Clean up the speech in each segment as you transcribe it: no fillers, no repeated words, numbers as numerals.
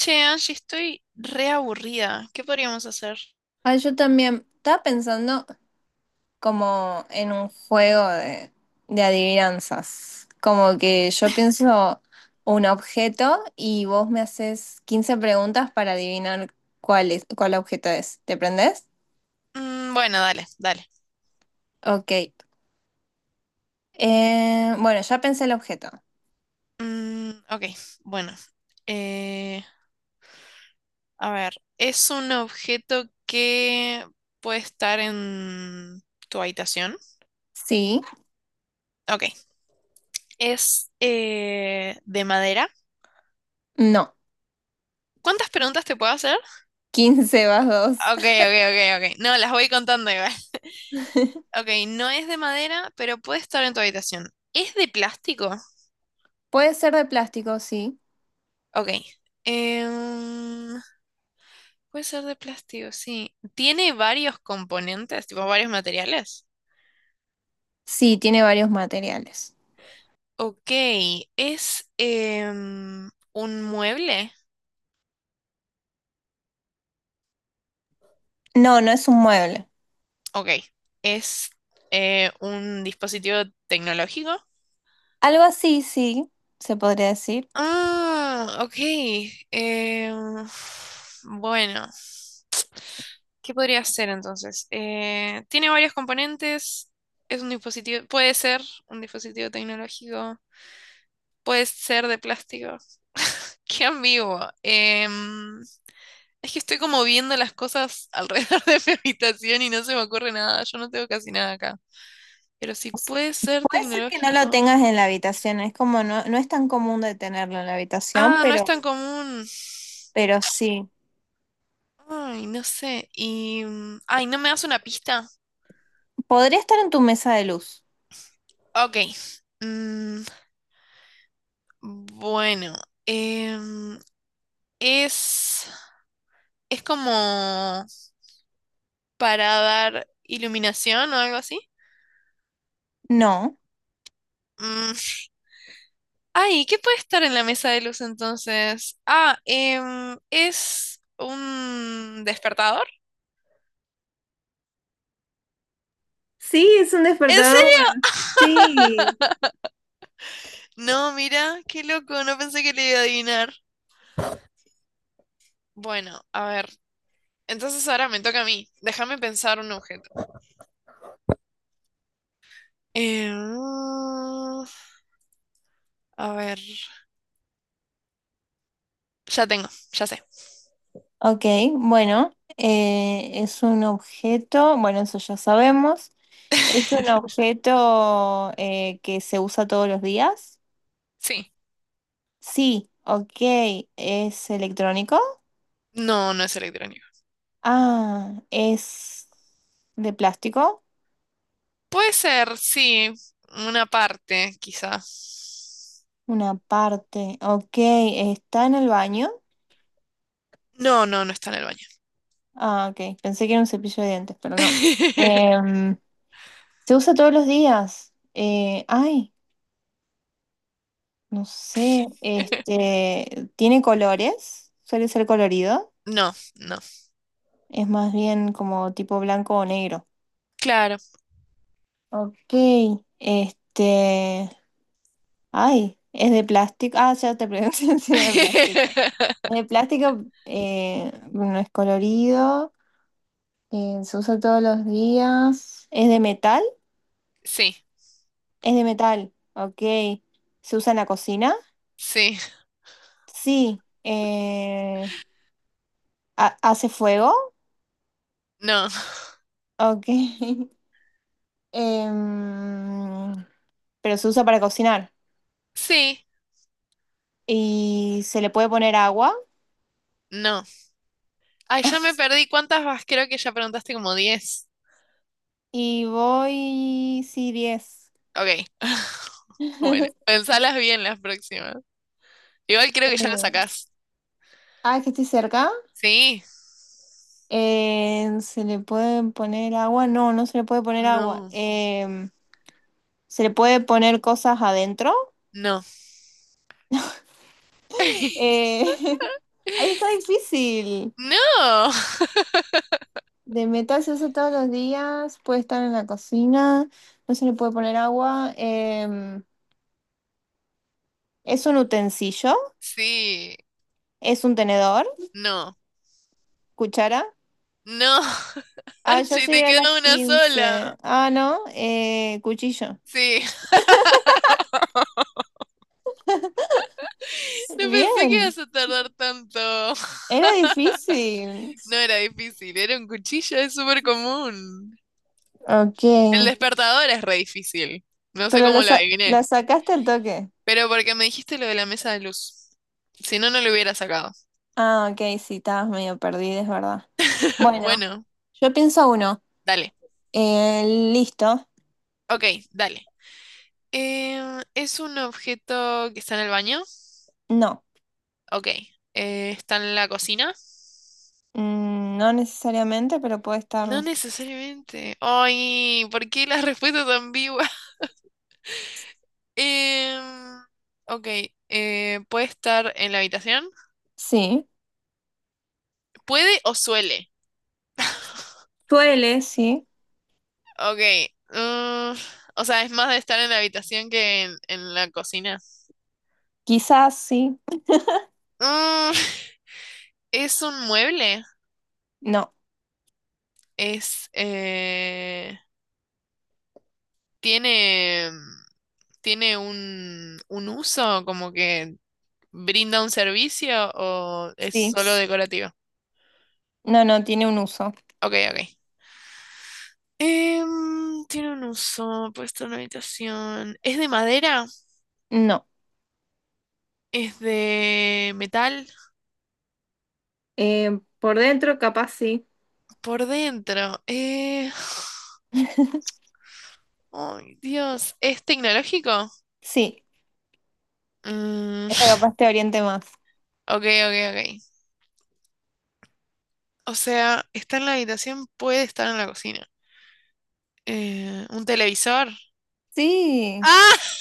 Che, Angie, estoy re aburrida. ¿Qué podríamos hacer? Ah, yo también estaba pensando como en un juego de adivinanzas. Como que yo pienso un objeto y vos me haces 15 preguntas para adivinar cuál objeto es. ¿Te prendés? Bueno, dale, dale. Ok. Bueno, ya pensé el objeto. Ok, bueno. Eh, a ver, ¿es un objeto que puede estar en tu habitación? Sí, Ok, ¿es de madera? no. ¿Cuántas preguntas te puedo hacer? 15 más 2. Ok, ok, ok, ok. No, las voy contando igual. Ok, no es de madera, pero puede estar en tu habitación. ¿Es de plástico? Puede ser de plástico, sí. Ok. Em, Puede ser de plástico, sí. Tiene varios componentes, tipo varios materiales. Sí, tiene varios materiales. Ok, es un mueble. No, no es un mueble. Ok, es un dispositivo tecnológico. Algo así, sí, se podría decir. Ah, ok. em, bueno, ¿qué podría ser entonces? Tiene varios componentes. Es un dispositivo, puede ser un dispositivo tecnológico, puede ser de plástico. Qué ambiguo. Es que estoy como viendo las cosas alrededor de mi habitación y no se me ocurre nada. Yo no tengo casi nada acá. Pero si puede ser Puede ser que no lo tecnológico. tengas en la habitación, es como no, no es tan común de tenerlo en la habitación, Ah, no es pero, tan común. pero sí. Ay, no sé. Ay, ¿no me das una pista? ¿Podría estar en tu mesa de luz? Ok. Mm, bueno. em, es. Es como para dar iluminación o algo así. No. Mm, Ay, ¿qué puede estar en la mesa de luz entonces? Ah, es un despertador. Sí, es un ¿En despertador. serio? Sí. No, mira, qué loco, no pensé que le iba a adivinar. Bueno, a ver. Entonces ahora me toca a mí. Déjame pensar un objeto. Eh, mm, a ver. Ya tengo, ya sé. Ok, bueno, es un objeto, bueno, eso ya sabemos. ¿Es un objeto que se usa todos los días? Sí. Sí, ok. ¿Es electrónico? No, no es electrónico. Ah, ¿es de plástico? Puede ser, sí. Una parte, quizá. Una parte. Ok, ¿está en el baño? No, no, no está en el baño. Ah, ok. Pensé que era un cepillo de dientes, pero no. Em, ¿Se usa todos los días? Ay, no sé. Este, ¿tiene colores? ¿Suele ser colorido? No, no. Es más bien como tipo blanco o negro. Claro. Ok. Este, ay, ¿es de plástico? Ah, ya te pregunté si era de plástico. Es de plástico, no es colorido. Se usa todos los días. ¿Es de metal? Sí, Es de metal. Ok. ¿Se usa en la cocina? sí. Sí. ¿Hace fuego? No. Ok. Em, pero se usa para cocinar. Sí, Y se le puede poner agua. no. Ay, ya me perdí. ¿Cuántas vas? Creo que ya preguntaste como diez. Y voy. Sí, 10. Ok. Bueno, pensalas bien las próximas. Igual creo que ya lo Eh, sacás. Ah, es que estoy cerca. Sí. ¿Se le puede poner agua? No, no se le puede poner agua. No. ¿Se le puede poner cosas adentro? No. Eh, Ahí está difícil. No. De metas eso todos los días, puede estar en la cocina, no se le puede poner agua. Es un utensilio, Sí. es un tenedor, No. cuchara. No. Ah, ya Anchi, te llegué a las queda una 15. sola. Ah, no, cuchillo. Sí. No pensé que Bien, ibas a tardar tanto. era difícil. No era difícil. Era un cuchillo, es súper común. Ok, El despertador es re difícil. No sé pero la, cómo lo sa- adiviné. la sacaste al toque. Pero porque me dijiste lo de la mesa de luz. Si no, no lo hubiera sacado. Ah, ok, sí, estabas medio perdida, es verdad. Bueno, Bueno, yo pienso uno. dale. Eh, Listo. Ok, dale. Em, ¿es un objeto que está en el baño? No. Ok. ¿Está en la cocina? No necesariamente, pero puede No estarlo. necesariamente. Ay, ¿por qué las respuestas ambiguas? Em, ok. ¿Puede estar en la habitación? Sí. ¿Puede o suele? Suele, sí. Ok. mm, o sea, es más de estar en la habitación que en la cocina. Quizás sí. Mm, ¿es un mueble? No. Es, tiene, tiene un uso, como que brinda un servicio o es Sí. solo decorativo. No, no, tiene un uso. Ok, ok. Em, tiene un uso, puesto en una habitación. ¿Es de madera? No. ¿Es de metal? Por dentro, capaz sí. Por dentro. Ay, Dios. ¿Es tecnológico? Sí. Mm, Esa capaz te oriente más. ok, ok, ok. O sea, está en la habitación, puede estar en la cocina. ¿Un televisor? Sí. ¡Ah!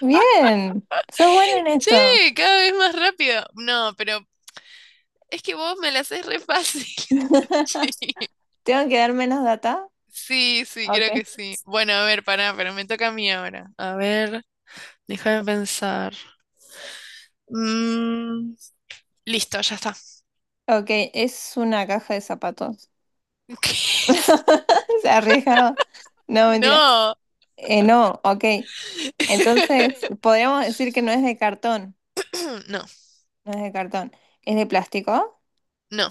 Bien. Sos bueno en Sí, esto. cada vez más rápido. No, pero es que vos me la haces re fácil. Sí, ¿Tengo que dar menos data? sí, sí, Ok. creo que sí. Bueno, a ver, pará, pero me toca a mí ahora. A ver, déjame pensar. Mm, listo, ya está. Ok, es una caja de zapatos. ¿Qué? Se arriesgado. No, mentira. No, No, ok. Entonces, podríamos decir que no es de cartón. no, No es de cartón, es de plástico, no,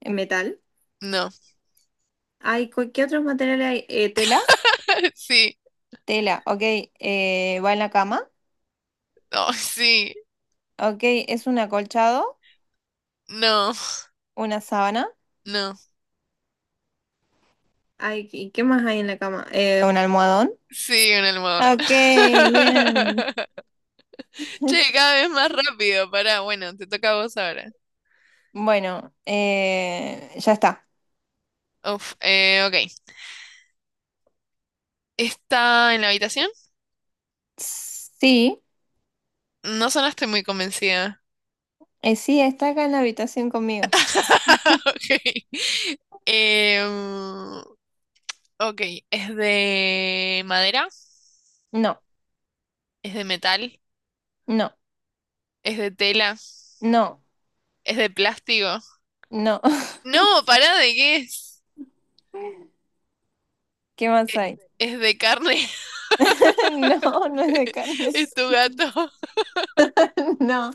en metal. no. Ay, ¿qué otros materiales hay? Tela, Sí, tela, ok, va en la cama, no, sí, ok, es un acolchado, no, una sábana. no. Ay, ¿y qué más hay en la cama? Un almohadón. Sí, un almohadón. Ok, bien. Che, cada vez más rápido. Pará, bueno, te toca a vos ahora. Bueno, ya está. Uf, ok. ¿Está en la habitación? Sí, No sonaste muy convencida. sí, está acá en la habitación conmigo. Ok. Em, ok, ¿es de madera? No, ¿Es de metal? no, ¿Es de tela? no, ¿Es de plástico? no. No, pará, ¿de qué es? ¿Qué más hay? ¿Es de carne? No, no es de carne. ¿Es tu gato? No.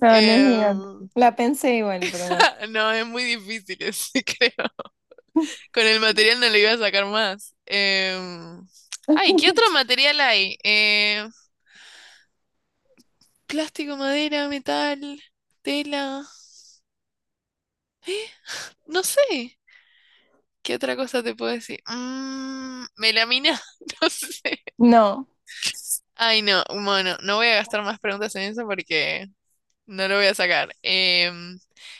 No, no es mi gato. Em, La pensé igual, pero no. no, es muy difícil ese, creo. Con el material no le iba a sacar más. Ay, ¿qué otro material hay? Em, plástico, madera, metal, tela. ¿Eh? No sé. ¿Qué otra cosa te puedo decir? Mm, melamina, no sé. No, Ay, no, bueno, no voy a gastar más preguntas en eso porque no lo voy a sacar.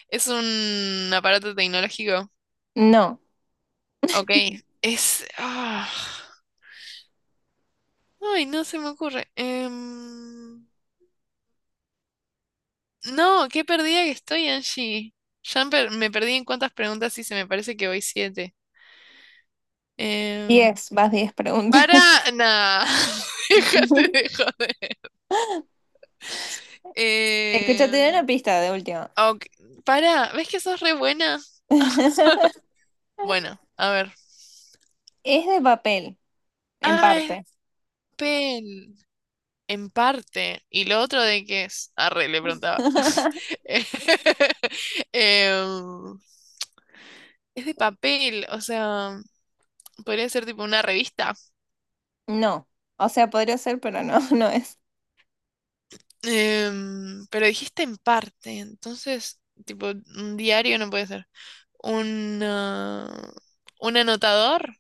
Es un aparato tecnológico. no. Ok, es... ah, ay, no se me ocurre. No, qué perdida que estoy, Angie. Ya me perdí en cuántas preguntas hice, me parece que voy siete. Em, 10, vas 10 preguntas. para nada. Déjate de joder. Eh, Escúchate una pista de última. ok, para, ¿ves que sos re buena? Bueno, a ver. Es de papel, en Ah, es de parte. papel. En parte. ¿Y lo otro de qué es? Arre, le preguntaba. Eh, em, es de papel, o sea, podría ser tipo una revista. No. O sea, podría ser, pero no, no es. Em, pero dijiste en parte, entonces, tipo, un diario no puede ser. Un, ah, un anotador.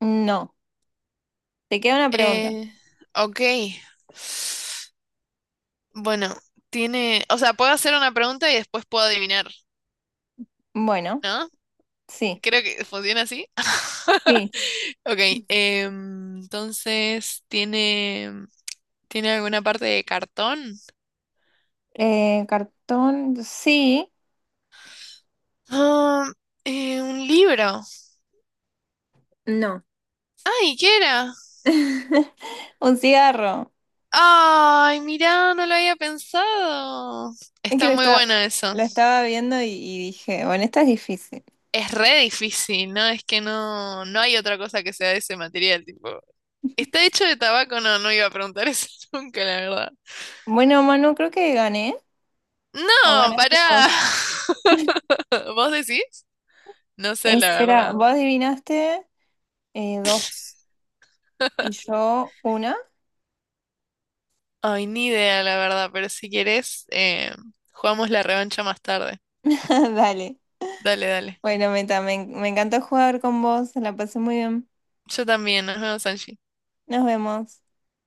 No. Te queda una pregunta. Eh, ok. Bueno, tiene, o sea, puedo hacer una pregunta y después puedo adivinar, Bueno, ¿no? sí, Creo que funciona así. sí. Ok, entonces, ¿tiene alguna parte de cartón? Cartón, sí. Ah, un libro. No. Ay, ¿qué era? Un cigarro. Ay, mirá, no lo había pensado. Es que Está lo muy estaba, bueno eso. lo estaba viendo y dije, bueno, esta es difícil. Es re difícil, ¿no? Es que no, no hay otra cosa que sea de ese material, tipo. ¿Está hecho de tabaco? No, no iba a preguntar eso nunca, la verdad. Bueno, Manu, creo que gané. No No, ganaste vos. pará. ¿Vos decís? No sé, la Espera, verdad. vos adivinaste dos y yo una. Ay, ni idea, la verdad, pero si querés, jugamos la revancha más tarde. Dale. Dale, dale. Bueno, Meta, me encantó jugar con vos, la pasé muy bien. Yo también, nos vemos, Angie. Nos vemos.